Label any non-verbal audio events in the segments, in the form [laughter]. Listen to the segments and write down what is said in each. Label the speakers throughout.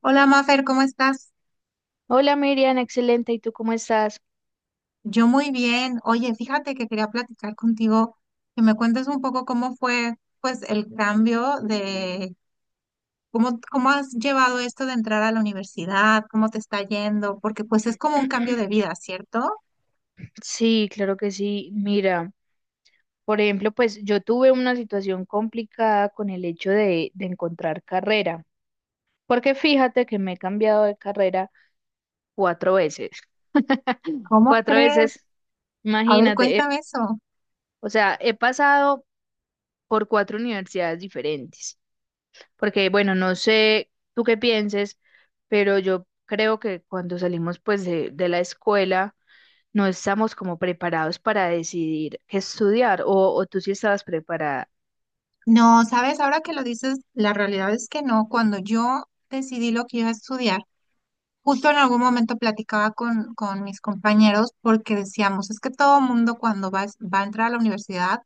Speaker 1: Hola Mafer, ¿cómo estás?
Speaker 2: Hola Miriam, excelente. ¿Y tú cómo estás?
Speaker 1: Yo muy bien. Oye, fíjate que quería platicar contigo, que me cuentes un poco cómo fue, pues, el cambio de cómo has llevado esto de entrar a la universidad, cómo te está yendo, porque pues es como un cambio de
Speaker 2: [clears throat]
Speaker 1: vida, ¿cierto?
Speaker 2: Sí, claro que sí. Mira, por ejemplo, pues yo tuve una situación complicada con el hecho de encontrar carrera, porque fíjate que me he cambiado de carrera cuatro veces.
Speaker 1: ¿Cómo
Speaker 2: Cuatro
Speaker 1: crees?
Speaker 2: veces,
Speaker 1: A ver,
Speaker 2: imagínate.
Speaker 1: cuéntame eso.
Speaker 2: O sea, he pasado por cuatro universidades diferentes, porque bueno, no sé tú qué pienses, pero yo creo que cuando salimos pues de la escuela no estamos como preparados para decidir qué estudiar, o tú sí estabas preparada.
Speaker 1: No, sabes, ahora que lo dices, la realidad es que no. Cuando yo decidí lo que iba a estudiar, justo en algún momento platicaba con mis compañeros porque decíamos, es que todo mundo cuando va a entrar a la universidad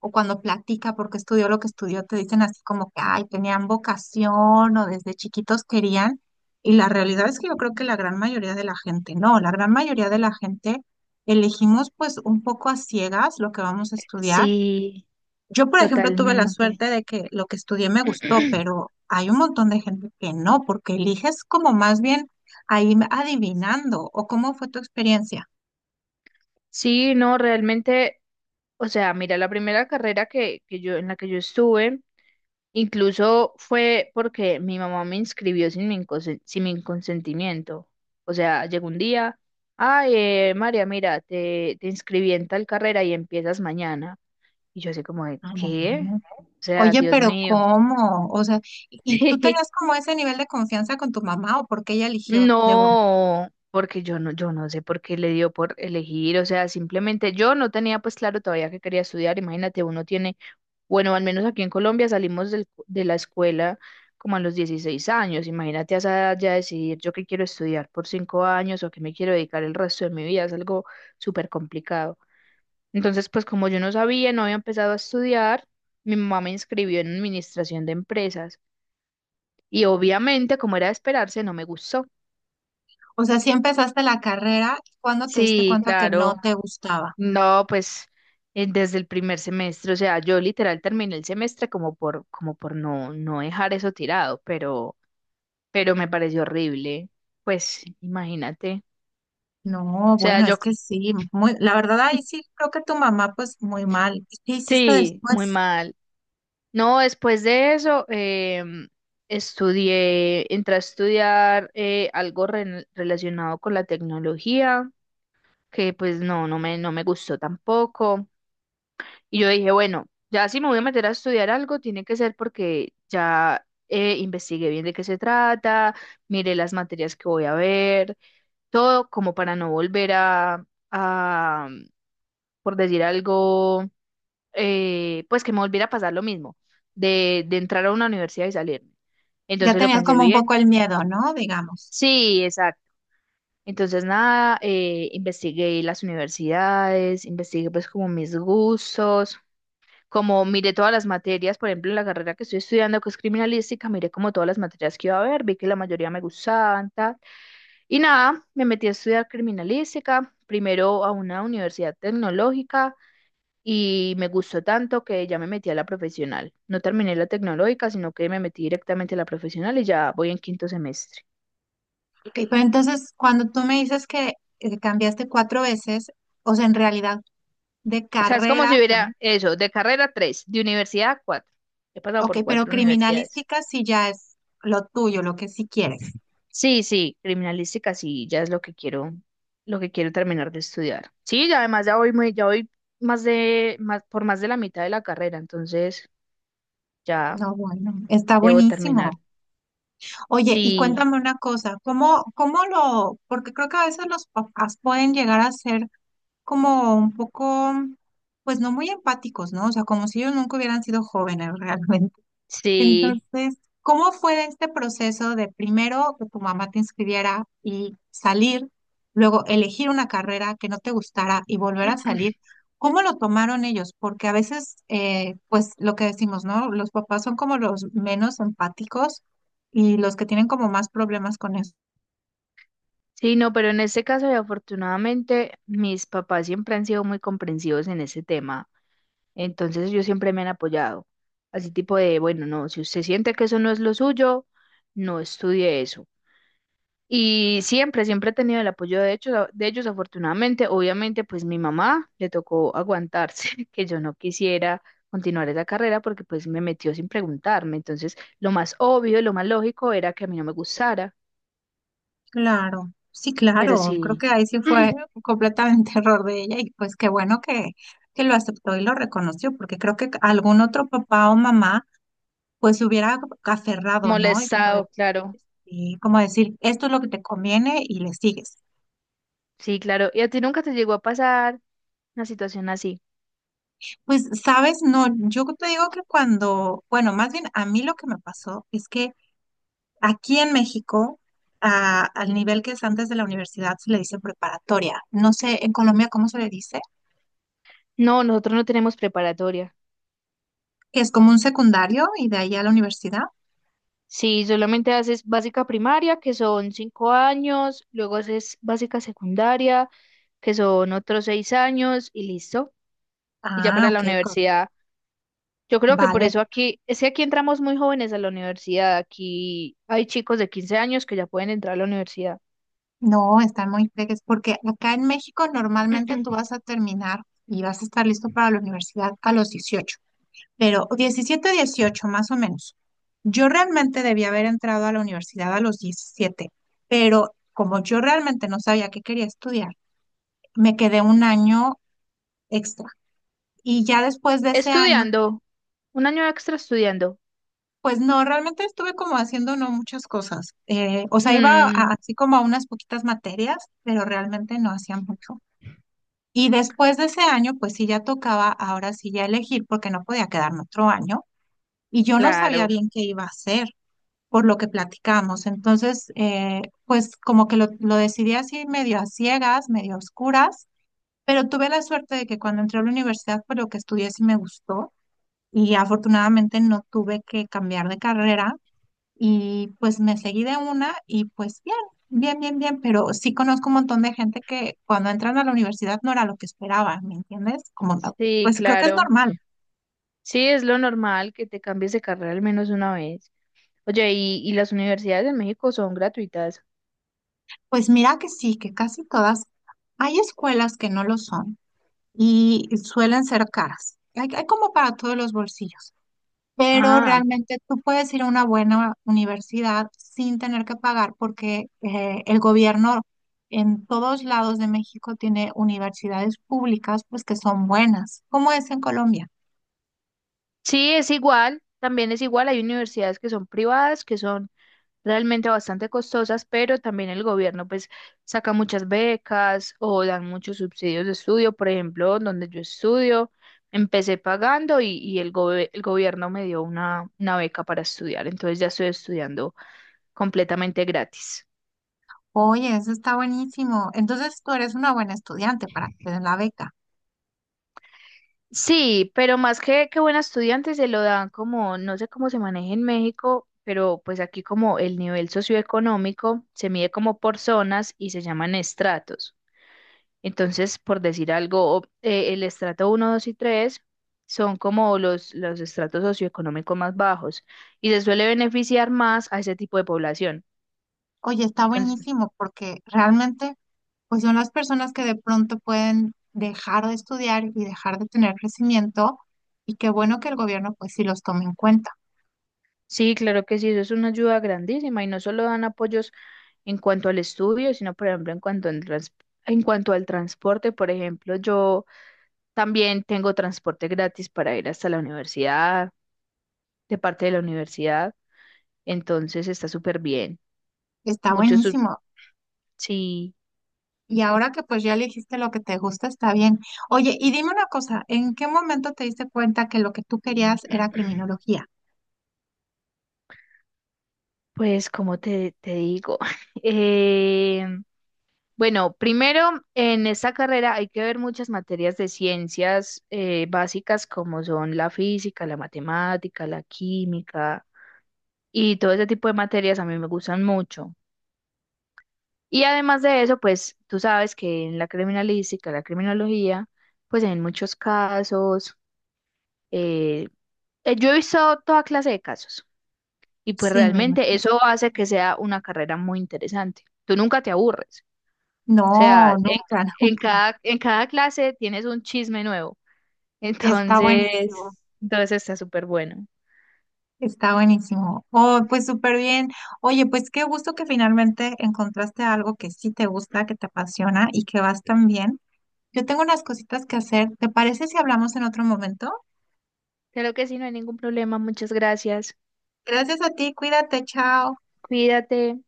Speaker 1: o cuando platica porque estudió lo que estudió, te dicen así como que, ay, tenían vocación o desde chiquitos querían. Y la realidad es que yo creo que la gran mayoría de la gente, no, la gran mayoría de la gente elegimos pues un poco a ciegas lo que vamos a estudiar.
Speaker 2: Sí,
Speaker 1: Yo, por ejemplo, tuve la
Speaker 2: totalmente.
Speaker 1: suerte de que lo que estudié me gustó,
Speaker 2: [clears throat]
Speaker 1: pero hay un montón de gente que no, porque eliges como más bien ahí adivinando, o cómo fue tu experiencia.
Speaker 2: Sí, no, realmente, o sea, mira, la primera carrera que yo, en la que yo estuve, incluso fue porque mi mamá me inscribió sin mi, sin mi consentimiento. O sea, llegó un día, ay, María, mira, te inscribí en tal carrera y empiezas mañana. Y yo así como de,
Speaker 1: Ah,
Speaker 2: ¿qué?
Speaker 1: bueno.
Speaker 2: O sea,
Speaker 1: Oye,
Speaker 2: Dios
Speaker 1: pero
Speaker 2: mío.
Speaker 1: ¿cómo? O sea, ¿y tú tenías
Speaker 2: [laughs]
Speaker 1: como ese nivel de confianza con tu mamá o porque ella eligió de una?
Speaker 2: No, porque yo no sé por qué le dio por elegir, o sea, simplemente yo no tenía pues claro todavía que quería estudiar, imagínate, uno tiene, bueno, al menos aquí en Colombia salimos de la escuela como a los 16 años, imagínate a esa edad ya decidir yo qué quiero estudiar por 5 años o qué me quiero dedicar el resto de mi vida, es algo súper complicado. Entonces, pues como yo no sabía, no había empezado a estudiar, mi mamá me inscribió en administración de empresas y obviamente, como era de esperarse, no me gustó.
Speaker 1: O sea, si empezaste la carrera, ¿cuándo te diste
Speaker 2: Sí,
Speaker 1: cuenta que no
Speaker 2: claro.
Speaker 1: te gustaba?
Speaker 2: No, pues desde el primer semestre, o sea, yo literal terminé el semestre como por, como por no dejar eso tirado, pero me pareció horrible. Pues imagínate. O
Speaker 1: No,
Speaker 2: sea,
Speaker 1: bueno, es
Speaker 2: yo
Speaker 1: que sí, muy, la verdad ahí sí creo que tu mamá pues muy mal. ¿Y qué hiciste
Speaker 2: sí, muy
Speaker 1: después?
Speaker 2: mal. No, después de eso, estudié, entré a estudiar algo relacionado con la tecnología, que pues no me gustó tampoco. Y yo dije, bueno, ya si me voy a meter a estudiar algo, tiene que ser porque ya investigué bien de qué se trata, miré las materias que voy a ver, todo como para no volver por decir algo, pues que me volviera a pasar lo mismo, de entrar a una universidad y salirme.
Speaker 1: Ya
Speaker 2: Entonces lo
Speaker 1: tenías
Speaker 2: pensé
Speaker 1: como un poco
Speaker 2: bien.
Speaker 1: el miedo, ¿no? Digamos.
Speaker 2: Sí, exacto. Entonces nada, investigué las universidades, investigué pues como mis gustos. Como miré todas las materias, por ejemplo, en la carrera que estoy estudiando, que es criminalística, miré como todas las materias que iba a haber, vi que la mayoría me gustaban, tal. Y nada, me metí a estudiar criminalística, primero a una universidad tecnológica y me gustó tanto que ya me metí a la profesional. No terminé la tecnológica, sino que me metí directamente a la profesional y ya voy en quinto semestre.
Speaker 1: Ok, pero entonces cuando tú me dices que cambiaste cuatro veces, o sea, en realidad de
Speaker 2: O sea, es como
Speaker 1: carrera,
Speaker 2: si
Speaker 1: cam-
Speaker 2: hubiera eso, de carrera tres, de universidad cuatro. He pasado
Speaker 1: ok,
Speaker 2: por
Speaker 1: pero
Speaker 2: cuatro universidades.
Speaker 1: criminalística sí ya es lo tuyo, lo que sí quieres.
Speaker 2: Sí, sí, criminalística sí, ya es lo que quiero terminar de estudiar. Sí, ya además ya voy muy, ya voy más, por más de la mitad de la carrera, entonces ya
Speaker 1: No, bueno, está
Speaker 2: debo terminar.
Speaker 1: buenísimo. Oye, y
Speaker 2: Sí,
Speaker 1: cuéntame una cosa, ¿cómo, cómo lo, porque creo que a veces los papás pueden llegar a ser como un poco, pues no muy empáticos, ¿no? O sea, como si ellos nunca hubieran sido jóvenes [laughs] realmente.
Speaker 2: sí,
Speaker 1: Entonces, ¿cómo fue este proceso de primero que tu mamá te inscribiera y salir, luego elegir una carrera que no te gustara y volver a
Speaker 2: [clears throat]
Speaker 1: salir? ¿Cómo lo tomaron ellos? Porque a veces, pues lo que decimos, ¿no? Los papás son como los menos empáticos y los que tienen como más problemas con él.
Speaker 2: sí, no, pero en este caso, y afortunadamente, mis papás siempre han sido muy comprensivos en ese tema, entonces ellos siempre me han apoyado. Así tipo de, bueno, no, si usted siente que eso no es lo suyo, no estudie eso. Y siempre, siempre he tenido el apoyo de hecho, de ellos, afortunadamente. Obviamente, pues mi mamá le tocó aguantarse [laughs] que yo no quisiera continuar esa carrera porque pues me metió sin preguntarme. Entonces, lo más obvio, lo más lógico era que a mí no me gustara,
Speaker 1: Claro, sí,
Speaker 2: pero
Speaker 1: claro. Creo
Speaker 2: sí,
Speaker 1: que ahí sí fue
Speaker 2: [clears throat]
Speaker 1: completamente [laughs] error de ella y pues qué bueno que lo aceptó y lo reconoció, porque creo que algún otro papá o mamá pues se hubiera aferrado, ¿no? Y como de,
Speaker 2: molestado, claro.
Speaker 1: y como decir, esto es lo que te conviene y le sigues.
Speaker 2: Sí, claro. ¿Y a ti nunca te llegó a pasar una situación así?
Speaker 1: Pues, sabes, no, yo te digo que cuando, bueno, más bien a mí lo que me pasó es que aquí en México, al nivel que es antes de la universidad, se le dice preparatoria. No sé, en Colombia, ¿cómo se le dice?
Speaker 2: No, nosotros no tenemos preparatoria.
Speaker 1: Que es como un secundario y de ahí a la universidad.
Speaker 2: Sí, solamente haces básica primaria, que son 5 años, luego haces básica secundaria, que son otros 6 años, y listo. Y ya
Speaker 1: Ah,
Speaker 2: para la
Speaker 1: ok, correcto.
Speaker 2: universidad, yo creo que por
Speaker 1: Vale.
Speaker 2: eso aquí, es que aquí entramos muy jóvenes a la universidad, aquí hay chicos de 15 años que ya pueden entrar a la universidad.
Speaker 1: No, están muy peques, porque acá en México normalmente tú vas
Speaker 2: [clears throat]
Speaker 1: a terminar y vas a estar listo para la universidad a los 18, pero 17 18 más o menos. Yo realmente debía haber entrado a la universidad a los 17, pero como yo realmente no sabía qué quería estudiar, me quedé un año extra. Y ya después de ese año,
Speaker 2: Estudiando, un año extra estudiando.
Speaker 1: pues no, realmente estuve como haciendo no muchas cosas. O sea,
Speaker 2: Mm,
Speaker 1: así como a unas poquitas materias, pero realmente no hacía mucho. Y después de ese año, pues sí ya tocaba ahora sí ya elegir porque no podía quedarme otro año y yo no sabía
Speaker 2: claro,
Speaker 1: bien qué iba a hacer por lo que platicamos. Entonces, pues como que lo decidí así medio a ciegas, medio a oscuras, pero tuve la suerte de que cuando entré a la universidad, pues lo que estudié sí me gustó y afortunadamente no tuve que cambiar de carrera y pues me seguí de una y pues bien, bien, bien, bien, pero sí conozco un montón de gente que cuando entran a la universidad no era lo que esperaba, ¿me entiendes? Como, ta-
Speaker 2: sí,
Speaker 1: pues creo que es
Speaker 2: claro.
Speaker 1: normal.
Speaker 2: Sí, es lo normal que te cambies de carrera al menos una vez. Oye, y las universidades de México son gratuitas?
Speaker 1: Pues mira que sí, que casi todas, hay escuelas que no lo son y suelen ser caras. Hay como para todos los bolsillos. Pero
Speaker 2: Ah,
Speaker 1: realmente tú puedes ir a una buena universidad sin tener que pagar porque el gobierno en todos lados de México tiene universidades públicas pues que son buenas, como es en Colombia.
Speaker 2: sí, es igual, también es igual, hay universidades que son privadas, que son realmente bastante costosas, pero también el gobierno pues saca muchas becas o dan muchos subsidios de estudio, por ejemplo, donde yo estudio, empecé pagando y el gobierno me dio una beca para estudiar, entonces ya estoy estudiando completamente gratis.
Speaker 1: Oye, eso está buenísimo. Entonces tú eres una buena estudiante para que te den la beca.
Speaker 2: Sí, pero más que buen estudiante se lo dan como, no sé cómo se maneja en México, pero pues aquí como el nivel socioeconómico se mide como por zonas y se llaman estratos. Entonces, por decir algo, el estrato uno, 2 y 3 son como los estratos socioeconómicos más bajos y se suele beneficiar más a ese tipo de población.
Speaker 1: Oye, está buenísimo porque realmente pues son las personas que de pronto pueden dejar de estudiar y dejar de tener crecimiento y qué bueno que el gobierno pues sí los tome en cuenta.
Speaker 2: Sí, claro que sí, eso es una ayuda grandísima y no solo dan apoyos en cuanto al estudio, sino por ejemplo en cuanto al en cuanto al transporte, por ejemplo, yo también tengo transporte gratis para ir hasta la universidad, de parte de la universidad, entonces está súper bien.
Speaker 1: Está
Speaker 2: Muchos,
Speaker 1: buenísimo.
Speaker 2: sí,
Speaker 1: Y ahora que pues ya elegiste lo que te gusta, está bien. Oye, y dime una cosa, ¿en qué momento te diste cuenta que lo que tú querías era criminología?
Speaker 2: pues como te digo, [laughs] em, bueno, primero, en esta carrera hay que ver muchas materias de ciencias básicas como son la física, la matemática, la química y todo ese tipo de materias a mí me gustan mucho. Y además de eso, pues tú sabes que en la criminalística, la criminología, pues en muchos casos, eh, yo he visto toda clase de casos y pues
Speaker 1: Sí, me
Speaker 2: realmente
Speaker 1: imagino.
Speaker 2: eso hace que sea una carrera muy interesante. Tú nunca te aburres. O
Speaker 1: No,
Speaker 2: sea,
Speaker 1: nunca, [laughs] nunca.
Speaker 2: en cada clase tienes un chisme nuevo. [laughs]
Speaker 1: Está buenísimo,
Speaker 2: Entonces, entonces está súper bueno.
Speaker 1: está buenísimo. Oh, pues súper bien. Oye, pues qué gusto que finalmente encontraste algo que sí te gusta, que te apasiona y que vas tan bien. Yo tengo unas cositas que hacer. ¿Te parece si hablamos en otro momento?
Speaker 2: Creo que sí, no hay ningún problema. Muchas gracias.
Speaker 1: Gracias a ti, cuídate, chao.
Speaker 2: Cuídate.